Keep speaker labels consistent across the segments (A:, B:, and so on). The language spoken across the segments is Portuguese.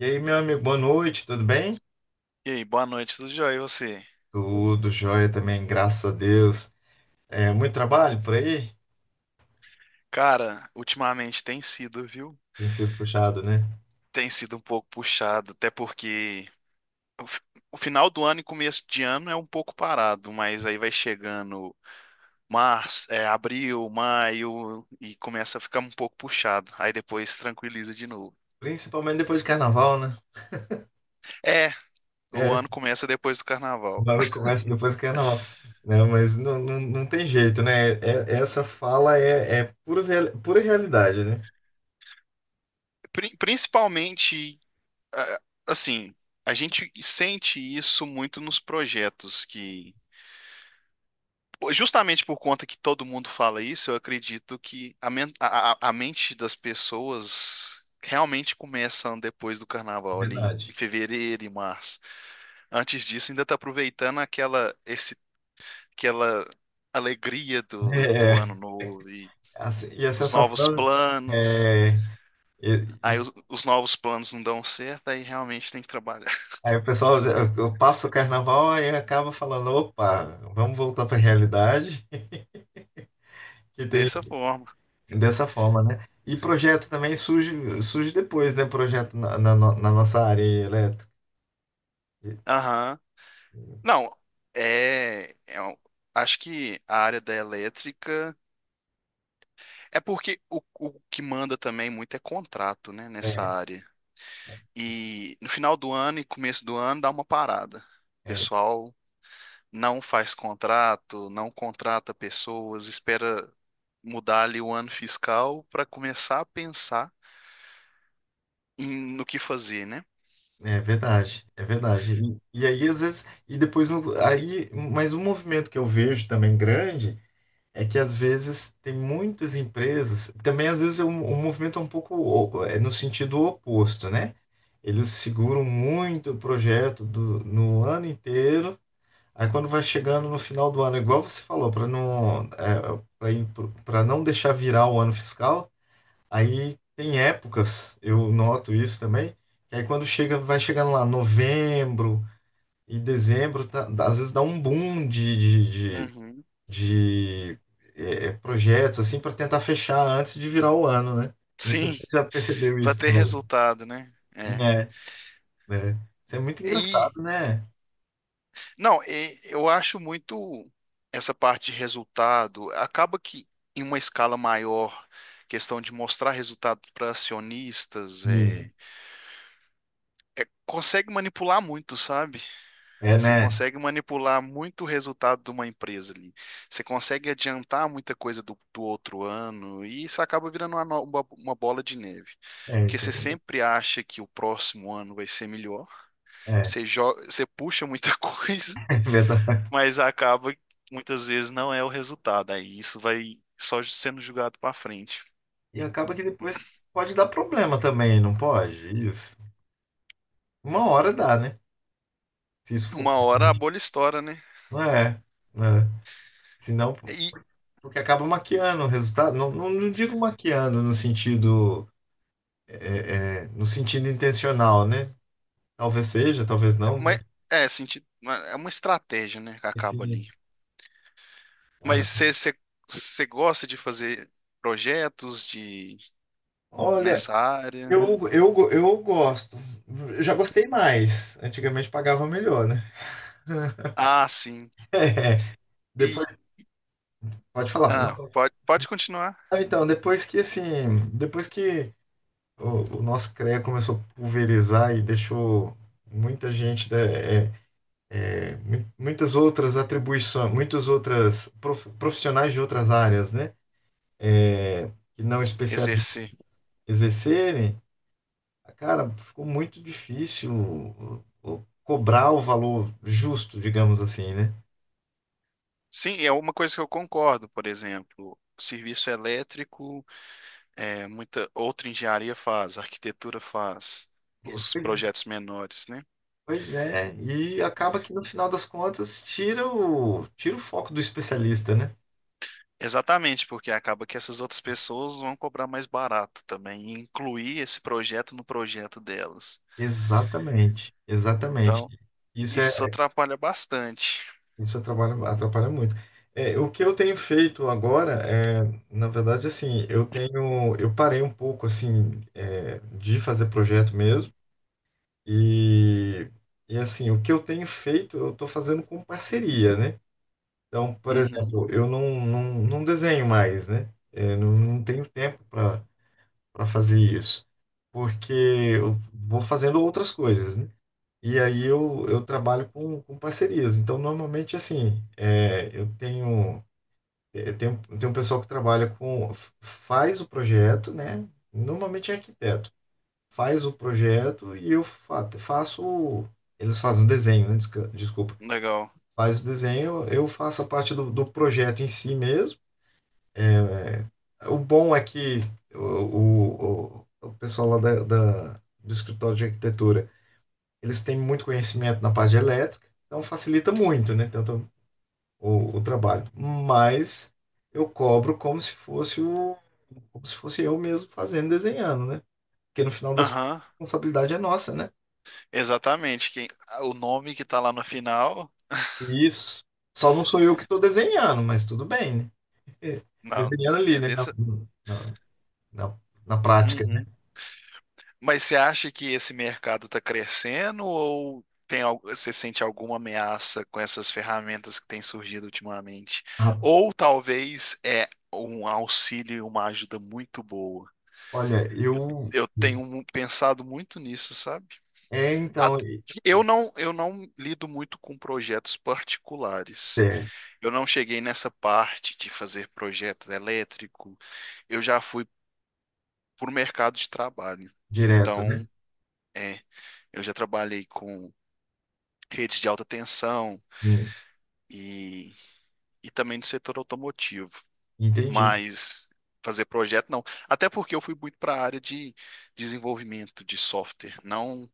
A: E aí, meu amigo, boa noite, tudo bem?
B: E aí, boa noite, tudo jóia? E você?
A: Tudo jóia também, graças a Deus. É, muito trabalho por aí?
B: Cara, ultimamente tem sido, viu?
A: Tem sido puxado, né?
B: Tem sido um pouco puxado, até porque o, fi- o final do ano e começo de ano é um pouco parado, mas aí vai chegando março, abril, maio e começa a ficar um pouco puxado. Aí depois tranquiliza de novo.
A: Principalmente depois de carnaval, né?
B: É, o
A: É,
B: ano começa depois do carnaval.
A: agora começa depois do carnaval. Né? Mas não tem jeito, né? É, essa fala é, é pura realidade, né?
B: Principalmente, ah, assim, a gente sente isso muito nos projetos que. Justamente por conta que todo mundo fala isso, eu acredito que a mente das pessoas realmente começam depois do carnaval, ali em
A: Verdade.
B: fevereiro e março. Antes disso, ainda está aproveitando aquela alegria
A: É,
B: do ano
A: é,
B: novo e
A: assim, e a
B: dos novos
A: sensação
B: planos.
A: é, e-
B: Aí
A: isso-
B: os novos planos não dão certo, aí realmente tem que trabalhar
A: aí o pessoal, eu passo o carnaval e acaba falando, opa, vamos voltar para a realidade, que tem.
B: dessa forma.
A: Dessa forma, né? E projeto também surge, surge depois, né? Projeto na, na, no- na nossa área elétrica.
B: Aham. Não, é, é um- acho que a área da elétrica. É porque o que manda também muito é contrato, né, nessa
A: É,
B: área. E no final do ano e começo do ano dá uma parada. O
A: é,
B: pessoal não faz contrato, não contrata pessoas, espera mudar ali o ano fiscal para começar a pensar no que fazer, né?
A: é verdade, é verdade. E aí, às vezes, e depois, mas um movimento que eu vejo também grande é que, às vezes, tem muitas empresas, também, às vezes, um movimento é um pouco é no sentido oposto, né? Eles seguram muito o projeto no ano inteiro. Aí quando vai chegando no final do ano, igual você falou, para não deixar virar o ano fiscal, aí tem épocas, eu noto isso também, que aí quando chega, vai chegando lá novembro e dezembro, às vezes dá um boom de, de, de,
B: Uhum.
A: de, é, é, projetos assim para tentar fechar antes de virar o ano, né? Não sei se
B: Sim,
A: você já percebeu
B: para
A: isso
B: ter
A: também.
B: resultado, né? É.
A: É, é. Isso é muito
B: E
A: engraçado, né?
B: Não, eu acho muito essa parte de resultado. Acaba que em uma escala maior, questão de mostrar resultado para acionistas,
A: Sim.
B: consegue manipular muito, sabe?
A: É,
B: Você
A: né?
B: consegue manipular muito o resultado de uma empresa ali. Você consegue adiantar muita coisa do outro ano e isso acaba virando uma, no- uma bola de neve.
A: É
B: Porque
A: isso.
B: você sempre acha que o próximo ano vai ser melhor.
A: É,
B: Você puxa muita coisa,
A: verdade.
B: mas acaba que muitas vezes não é o resultado. Aí isso vai só sendo julgado para frente.
A: E acaba que depois pode dar problema também, não pode? Isso. Uma hora dá, né? Se isso for
B: Uma hora a
A: constante.
B: bolha estoura, né?
A: Não é, né? Senão,
B: E
A: porque acaba maquiando o resultado. Não digo maquiando no sentido, é, é, no sentido intencional, né? Talvez seja, talvez não, mas
B: mas- é, senti- é uma estratégia, né, que acaba
A: enfim,
B: ali.
A: cara.
B: Mas você gosta de fazer projetos de
A: Olha,
B: nessa área?
A: eu gosto. Eu já gostei mais. Antigamente pagava melhor, né?
B: Ah, sim. E
A: Depois, pode falar. Não,
B: Pode, continuar
A: então, depois que o nosso CREA começou a pulverizar e deixou muita gente, é, é, muitas outras atribuições, muitas outras profissionais de outras áreas, né? Que não especialistas
B: exercer.
A: exercerem, cara, ficou muito difícil cobrar o valor justo, digamos assim, né?
B: Sim, é uma coisa que eu concordo, por exemplo, serviço elétrico. É, muita outra engenharia faz, arquitetura faz,
A: É,
B: os
A: pois,
B: projetos menores, né?
A: pois é, e acaba que no final das contas tira o, tira o foco do especialista, né?
B: Exatamente, porque acaba que essas outras pessoas vão cobrar mais barato também, e incluir esse projeto no projeto delas.
A: Exatamente, exatamente.
B: Então,
A: Isso é,
B: isso atrapalha bastante.
A: isso atrapalha, atrapalha muito. É, o que eu tenho feito agora é, na verdade, assim, eu tenho, eu parei um pouco, assim, é, de fazer projeto mesmo e, e assim, o que eu tenho feito, eu estou fazendo com parceria, né? Então, por
B: Uhum,
A: exemplo, eu não, não, não desenho mais, né? É, não tenho tempo para para fazer isso, porque eu vou fazendo outras coisas, né? E aí eu trabalho com parcerias. Então, normalmente, assim, é, eu tenho eh, tem, tem um pessoal que trabalha com. Faz o projeto, né? Normalmente é arquiteto. Faz o projeto e eu faço. Eles fazem o desenho, né? Desculpa.
B: legal.
A: Faz o desenho, eu faço a parte do, do projeto em si mesmo. O bom é que o o pessoal lá da, do escritório de arquitetura, eles têm muito conhecimento na parte de elétrica, então facilita muito, né? Tanto o trabalho. Mas eu cobro como se fosse o como se fosse eu mesmo fazendo, desenhando, né? Porque no final das contas,
B: Aham,
A: a responsabilidade é nossa, né?
B: exatamente. O nome que tá lá no final,
A: Isso. Só não sou eu que estou desenhando, mas tudo bem, né?
B: na,
A: Desenhando ali,
B: é
A: né?
B: dessa.
A: Na, na, na prática, né?
B: Uhum. Mas você acha que esse mercado está crescendo ou você sente alguma ameaça com essas ferramentas que têm surgido ultimamente?
A: Ah,
B: Ou talvez é um auxílio e uma ajuda muito boa.
A: olha, eu.
B: Eu tenho pensado muito nisso, sabe?
A: É, então,
B: At- eu não lido muito com projetos particulares.
A: é,
B: Eu não cheguei nessa parte de fazer projeto elétrico. Eu já fui para o mercado de trabalho.
A: direto, né?
B: Então, é, eu já trabalhei com redes de alta tensão
A: Sim,
B: e, e também do setor automotivo.
A: entendi.
B: Mas fazer projeto, não. Até porque eu fui muito para a área de desenvolvimento de software, não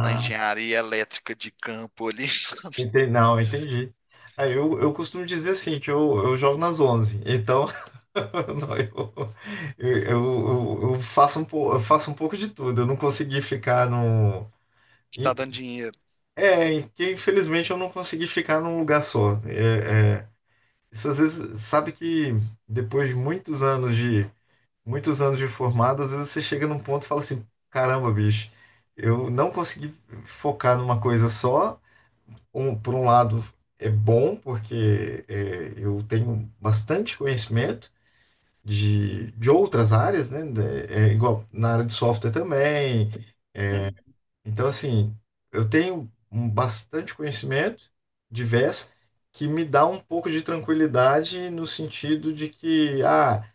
B: na engenharia elétrica de campo ali, sabe?
A: entendi. Não, entendi. Aí eu costumo dizer assim, que eu jogo nas onze. Então, não, eu faço um, eu faço um pouco de tudo. Eu não consegui ficar no...
B: Que tá
A: e-
B: dando dinheiro.
A: É, que infelizmente eu não consegui ficar num lugar só. É, é, isso às vezes, sabe que depois de muitos anos de, muitos anos de formado, às vezes você chega num ponto e fala assim, caramba, bicho, eu não consegui focar numa coisa só, um, por um lado, é bom, porque é, eu tenho bastante conhecimento de outras áreas, né? É igual na área de software também.
B: Uhum.
A: Então, assim, eu tenho um bastante conhecimento diverso que me dá um pouco de tranquilidade no sentido de que, ah,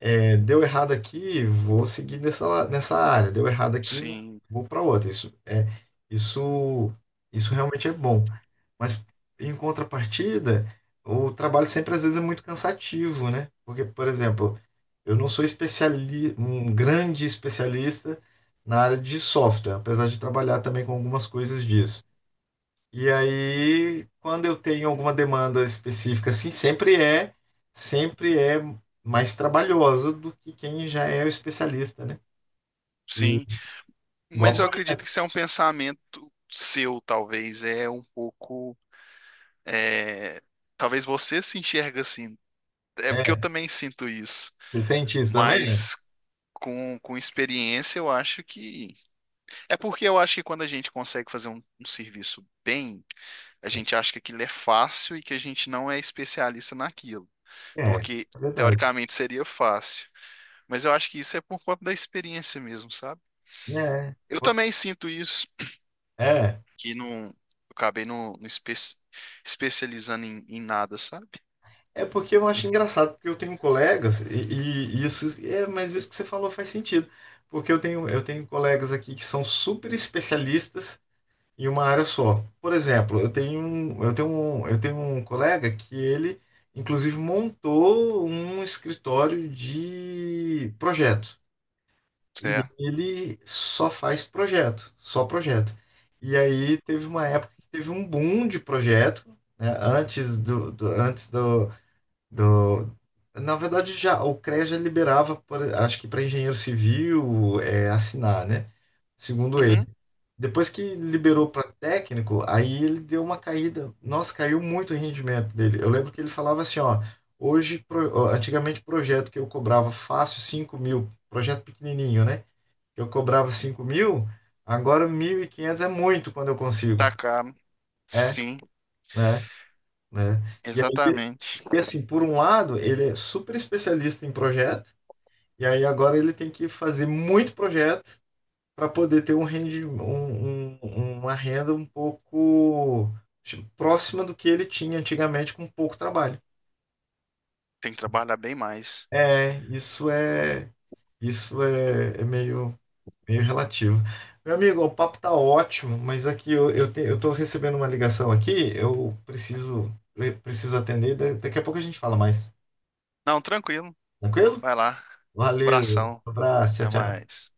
A: é, deu errado aqui, vou seguir nessa, nessa área, deu errado aqui,
B: Sim,
A: vou para outra. Isso isso realmente é bom. Mas em contrapartida, o trabalho sempre às vezes é muito cansativo, né? Porque, por exemplo, eu não sou especiali um grande especialista na área de software, apesar de trabalhar também com algumas coisas disso. E aí, quando eu tenho alguma demanda específica, assim, sempre é mais trabalhosa do que quem já é o especialista, né? E
B: sim. Mas
A: igual
B: eu
A: pra mim,
B: acredito que isso é um pensamento seu, talvez. É um pouco. é, Talvez você se enxerga assim. É porque eu
A: é,
B: também sinto isso.
A: ser cientista também?
B: Mas com experiência, eu acho que. É porque eu acho que quando a gente consegue fazer um serviço bem, a gente acha que aquilo é fácil e que a gente não é especialista naquilo.
A: É, é
B: Porque,
A: verdade.
B: teoricamente, seria fácil. Mas eu acho que isso é por conta da experiência mesmo, sabe?
A: É,
B: Eu também sinto isso,
A: é,
B: que não, eu acabei não especializando em nada, sabe?
A: é porque eu acho engraçado, porque eu tenho colegas, e isso, é, mas isso que você falou faz sentido. Porque eu tenho colegas aqui que são super especialistas em uma área só. Por exemplo, eu tenho um colega que ele, inclusive, montou um escritório de projeto. E
B: Certo.
A: ele só faz projeto, só projeto. E aí teve uma época que teve um boom de projeto, né, antes do, do- Na verdade, já o CREA já liberava, acho que para engenheiro civil, é, assinar, né? Segundo ele
B: Uhum.
A: depois que liberou para técnico, aí ele deu uma caída. Nossa, caiu muito o rendimento dele. Eu lembro que ele falava assim, ó, hoje, ó, antigamente projeto que eu cobrava fácil 5.000, projeto pequenininho, né? Eu cobrava 5.000, agora 1.500 é muito quando eu consigo.
B: Tá caro.
A: É,
B: Sim,
A: né? Né? E aí,
B: exatamente.
A: e assim, por um lado, ele é super especialista em projeto, e aí agora ele tem que fazer muito projeto para poder ter um rendi, uma renda um pouco tipo, próxima do que ele tinha antigamente com pouco trabalho.
B: Tem que trabalhar bem mais.
A: É, isso é, é meio meio relativo. Meu amigo, o papo tá ótimo, mas aqui eu tô recebendo uma ligação aqui, eu preciso atender, daqui a pouco a gente fala mais.
B: Não, tranquilo.
A: Tranquilo?
B: Vai lá.
A: Valeu,
B: Abração.
A: um abraço,
B: Até
A: tchau, tchau.
B: mais.